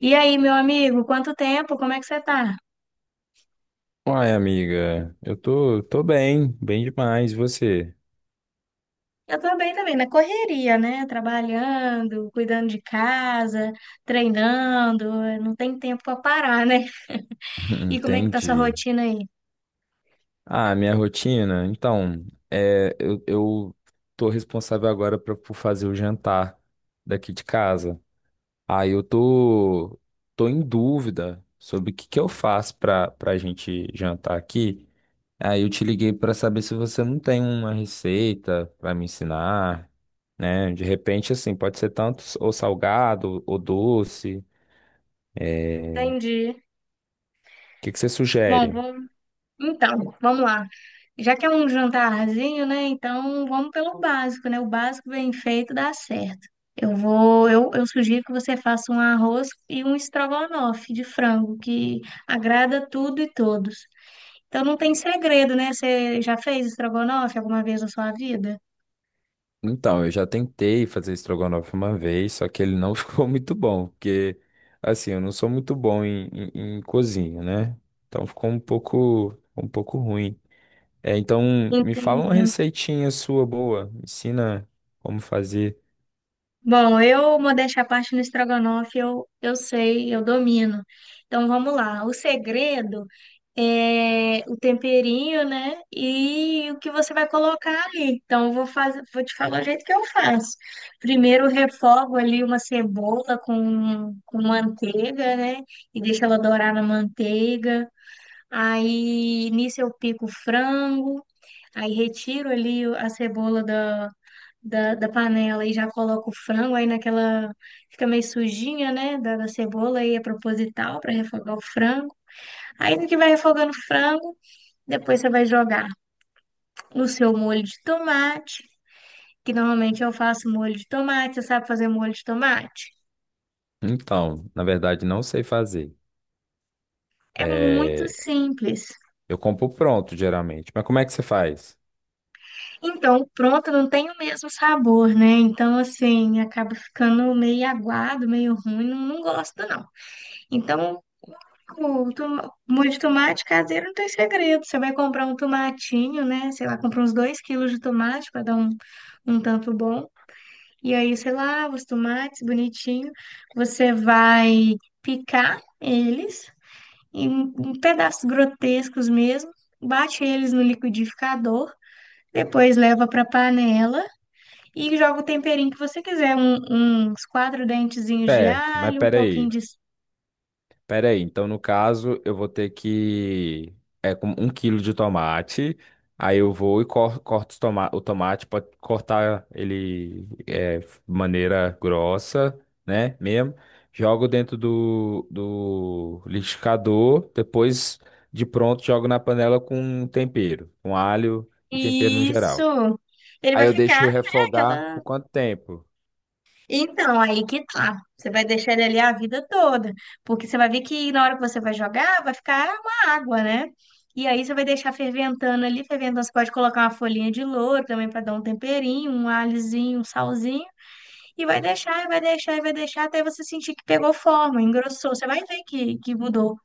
E aí, meu amigo, quanto tempo? Como é que você tá? Uai, amiga, eu tô bem demais. E você? Eu tô bem também, na correria, né? Trabalhando, cuidando de casa, treinando, não tem tempo pra parar, né? E como é que tá sua Entendi. rotina aí? Ah, minha rotina? Então, é, eu tô responsável agora por fazer o jantar daqui de casa. Aí eu tô em dúvida sobre o que que eu faço pra gente jantar aqui. Aí eu te liguei pra saber se você não tem uma receita pra me ensinar, né? De repente, assim, pode ser tanto ou salgado ou doce. Entendi. Que que você Bom, sugere? Então, vamos lá. Já que é um jantarzinho, né? Então, vamos pelo básico, né? O básico bem feito dá certo. Eu sugiro que você faça um arroz e um estrogonofe de frango, que agrada tudo e todos. Então não tem segredo, né? Você já fez estrogonofe alguma vez na sua vida? Então, eu já tentei fazer estrogonofe uma vez, só que ele não ficou muito bom, porque, assim, eu não sou muito bom em cozinha, né? Então ficou um pouco ruim. É, então, me fala uma Entendi. receitinha sua boa, me ensina como fazer. Bom, modéstia à parte, no estrogonofe eu sei, eu domino. Então vamos lá. O segredo é o temperinho, né? E o que você vai colocar ali. Então vou te falar o jeito que eu faço. Primeiro eu refogo ali uma cebola com manteiga, né? E deixo ela dourar na manteiga. Aí nisso eu pico o frango. Aí retiro ali a cebola da panela e já coloco o frango. Aí naquela. Fica meio sujinha, né? Da cebola. Aí é proposital para refogar o frango. Aí no que vai refogando o frango, depois você vai jogar no seu molho de tomate. Que normalmente eu faço molho de tomate. Você sabe fazer molho de tomate? Então, na verdade, não sei fazer. É muito É, simples. eu compro pronto, geralmente. Mas como é que você faz? Então, pronto, não tem o mesmo sabor, né? Então, assim, acaba ficando meio aguado, meio ruim. Não, não gosto, não. Então. O tom- Molho de tomate caseiro não tem segredo. Você vai comprar um tomatinho, né? Sei lá, compra uns 2 quilos de tomate para dar um tanto bom. E aí, sei lá, os tomates bonitinho. Você vai picar eles em pedaços grotescos mesmo. Bate eles no liquidificador. Depois leva para panela e joga o temperinho que você quiser. Uns 4 dentezinhos de Certo, mas alho, um pouquinho peraí. de Pera aí, então no caso eu vou ter que. É com 1 quilo de tomate. Aí eu vou e corto o tomate para cortar ele de maneira grossa, né? Mesmo. Jogo dentro do liquidificador. Depois, de pronto, jogo na panela com tempero, com alho e tempero no geral. Isso. Ele Aí vai eu ficar, deixo né, refogar por aquela. quanto tempo? Então, aí que tá. Você vai deixar ele ali a vida toda. Porque você vai ver que na hora que você vai jogar, vai ficar uma água, né? E aí você vai deixar ferventando ali. Ferventando, você pode colocar uma folhinha de louro também para dar um temperinho, um alhozinho, um salzinho. E vai deixar, e vai deixar, e vai deixar até você sentir que pegou forma, engrossou. Você vai ver que mudou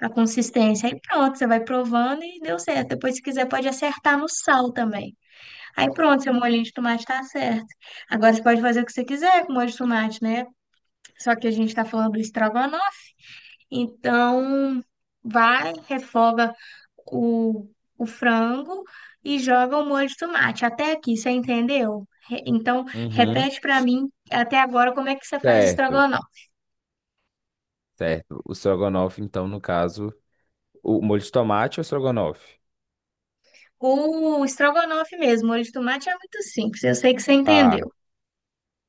a consistência. Aí pronto, você vai provando e deu certo. Depois, se quiser, pode acertar no sal também. Aí pronto, seu molhinho de tomate tá certo. Agora você pode fazer o que você quiser com molho de tomate, né? Só que a gente tá falando do estrogonofe. Então, vai, refoga o, o frango e joga o molho de tomate. Até aqui, você entendeu? Então, Uhum. repete pra mim até agora como é que você faz Certo, estrogonofe. certo. O strogonoff, então, no caso. O molho de tomate ou estrogonofe? O estrogonofe mesmo, molho de tomate é muito simples. Eu sei que você Tá, entendeu.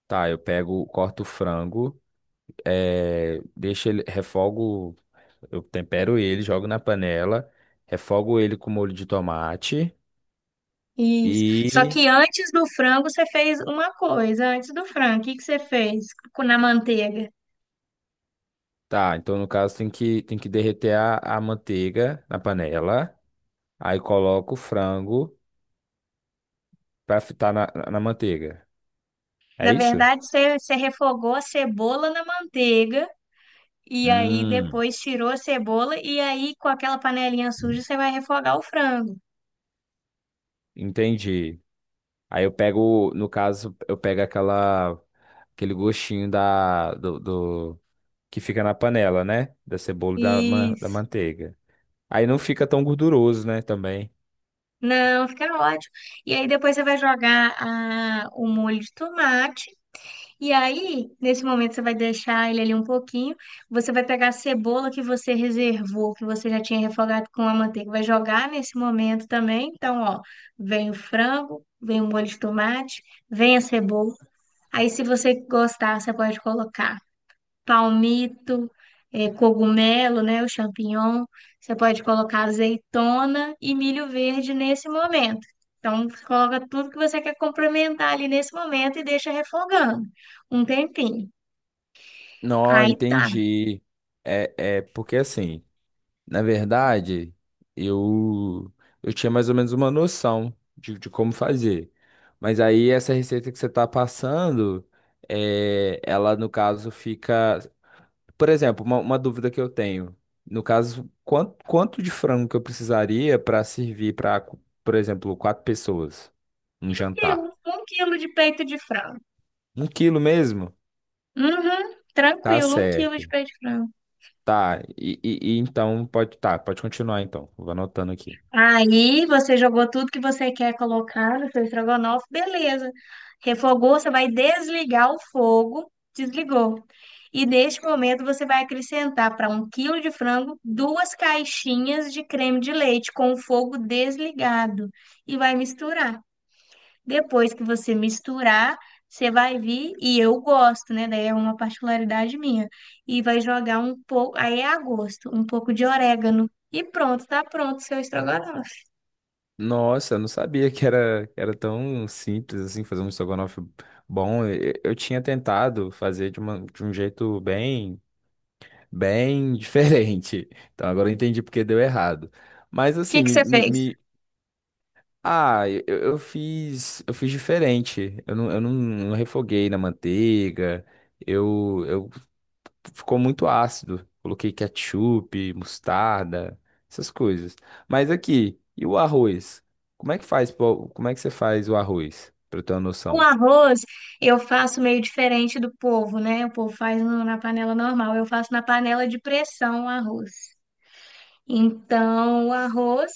tá, eu pego, corto o frango, deixo ele, refogo, eu tempero ele, jogo na panela, refogo ele com molho de tomate Isso. Só e que antes do frango você fez uma coisa. Antes do frango, o que que você fez na manteiga? tá, então no caso tem que derreter a manteiga na panela, aí coloco o frango pra fritar na manteiga. É Na isso? verdade, você refogou a cebola na manteiga e aí Hum, depois tirou a cebola e aí com aquela panelinha suja você vai refogar o frango. entendi. Aí eu pego, no caso, eu pego aquela aquele gostinho da do que fica na panela, né? Da cebola e da Isso. manteiga. Aí não fica tão gorduroso, né? Também. Não, fica ótimo. E aí depois você vai jogar o molho de tomate. E aí, nesse momento, você vai deixar ele ali um pouquinho. Você vai pegar a cebola que você reservou, que você já tinha refogado com a manteiga, vai jogar nesse momento também. Então, ó, vem o frango, vem o molho de tomate, vem a cebola. Aí, se você gostar, você pode colocar palmito, cogumelo, né, o champignon. Você pode colocar azeitona e milho verde nesse momento. Então, você coloca tudo que você quer complementar ali nesse momento e deixa refogando um tempinho. Não, Aí tá. Um entendi. É porque assim, na verdade, eu eu tinha mais ou menos uma noção de como fazer. Mas aí essa receita que você tá passando, ela no caso fica. Por exemplo, uma dúvida que eu tenho. No caso, quanto de frango que eu precisaria para servir para, por exemplo, quatro pessoas? Um quilo, jantar. um quilo de peito de frango. 1 quilo mesmo? Uhum, Tá tranquilo, 1 quilo de certo. peito de frango. Tá. E então pode. Tá, pode continuar então. Vou anotando aqui. Aí você jogou tudo que você quer colocar no seu estrogonofe, beleza. Refogou, você vai desligar o fogo, desligou. E neste momento você vai acrescentar para 1 quilo de frango 2 caixinhas de creme de leite com o fogo desligado e vai misturar. Depois que você misturar, você vai vir, e eu gosto, né? Daí é uma particularidade minha. E vai jogar um pouco, aí é a gosto, um pouco de orégano. E pronto, tá pronto o seu estrogonofe. Nossa, eu não sabia que era tão simples assim fazer um estrogonofe bom. Eu tinha tentado fazer de um jeito bem, bem diferente. Então agora eu entendi porque deu errado. Mas assim, Que me, você me, fez? me Ah, eu fiz diferente. Eu não refoguei na manteiga. Eu Ficou muito ácido. Coloquei ketchup, mostarda, essas coisas. Mas aqui, e o arroz? Como é que faz, pô? Como é que você faz o arroz? Pra eu ter uma O noção. arroz eu faço meio diferente do povo, né? O povo faz na panela normal, eu faço na panela de pressão o arroz. Então, o arroz,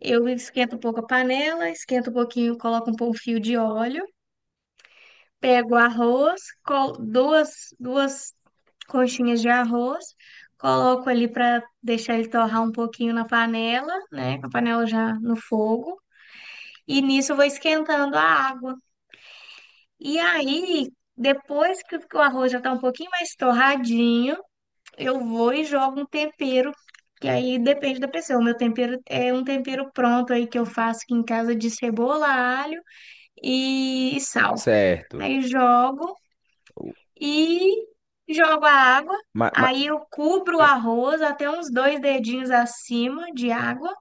eu esquento um pouco a panela, esquento um pouquinho, coloco um pouco fio de óleo, pego o arroz, duas conchinhas de arroz, coloco ali para deixar ele torrar um pouquinho na panela, né? Com a panela já no fogo. E nisso eu vou esquentando a água. E aí, depois que o arroz já tá um pouquinho mais torradinho, eu vou e jogo um tempero, que aí depende da pessoa. O meu tempero é um tempero pronto aí que eu faço aqui em casa de cebola, alho e sal. Certo. Aí jogo e jogo a água. ma- ma- Aí eu cubro o arroz até uns 2 dedinhos acima de água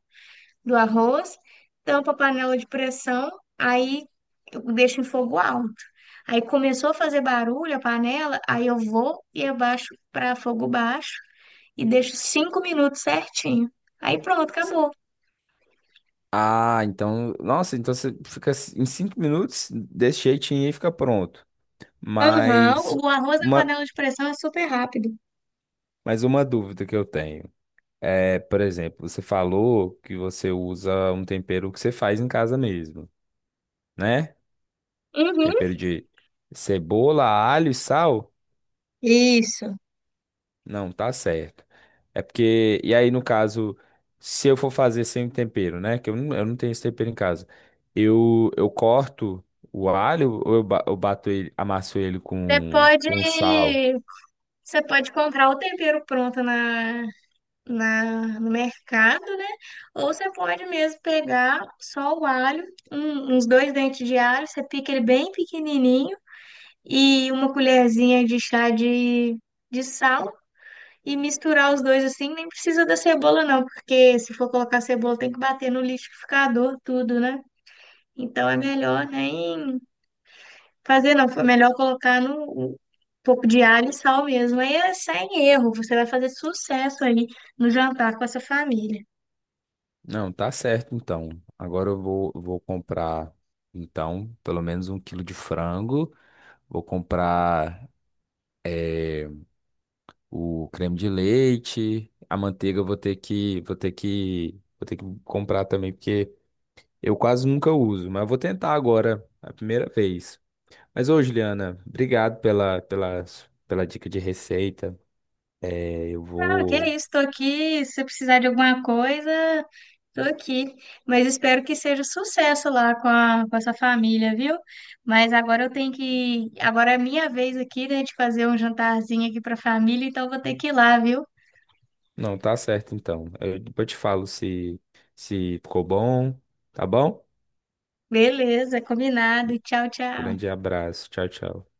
do arroz, tampa a panela de pressão, aí eu deixo em fogo alto. Aí começou a fazer barulho a panela, aí eu vou e abaixo para fogo baixo e deixo 5 minutos certinho. Aí pronto, acabou. ah, então, nossa, então você fica em 5 minutos desse jeitinho e fica pronto. Aham, Mas o arroz na uma, panela de pressão é super rápido. mas uma dúvida que eu tenho. É, por exemplo, você falou que você usa um tempero que você faz em casa mesmo, né? Uhum. Tempero de cebola, alho e sal? Isso. Não, tá certo. É porque, e aí no caso, se eu for fazer sem tempero, né? Que eu não tenho esse tempero em casa. Eu corto o alho ou eu bato ele, amasso ele Você com, pode, com sal? você pode comprar o tempero pronto no mercado, né? Ou você pode mesmo pegar só o alho, uns 2 dentes de alho, você pica ele bem pequenininho e uma colherzinha de chá de sal e misturar os dois assim. Nem precisa da cebola, não, porque se for colocar cebola tem que bater no liquidificador, tudo, né? Então é melhor nem fazer, não. Foi melhor colocar no. Um pouco de alho e sal mesmo. Aí é sem erro, você vai fazer sucesso aí no jantar com essa família. Não, tá certo então. Agora eu vou comprar, então, pelo menos 1 quilo de frango. Vou comprar o creme de leite, a manteiga eu vou ter que, vou ter que, vou ter que comprar também, porque eu quase nunca uso, mas eu vou tentar agora, a primeira vez. Mas ô, Juliana, obrigado pela dica de receita. É, eu Ok, vou. estou aqui. Se você precisar de alguma coisa, estou aqui. Mas espero que seja sucesso lá com a sua família, viu? Mas agora eu tenho que. Agora é minha vez aqui, né, de fazer um jantarzinho aqui para a família, então eu vou ter que ir lá, viu? Não, tá certo então. Eu depois eu te falo se ficou bom, tá bom? Beleza, combinado. Tchau, tchau. Grande abraço. Tchau, tchau.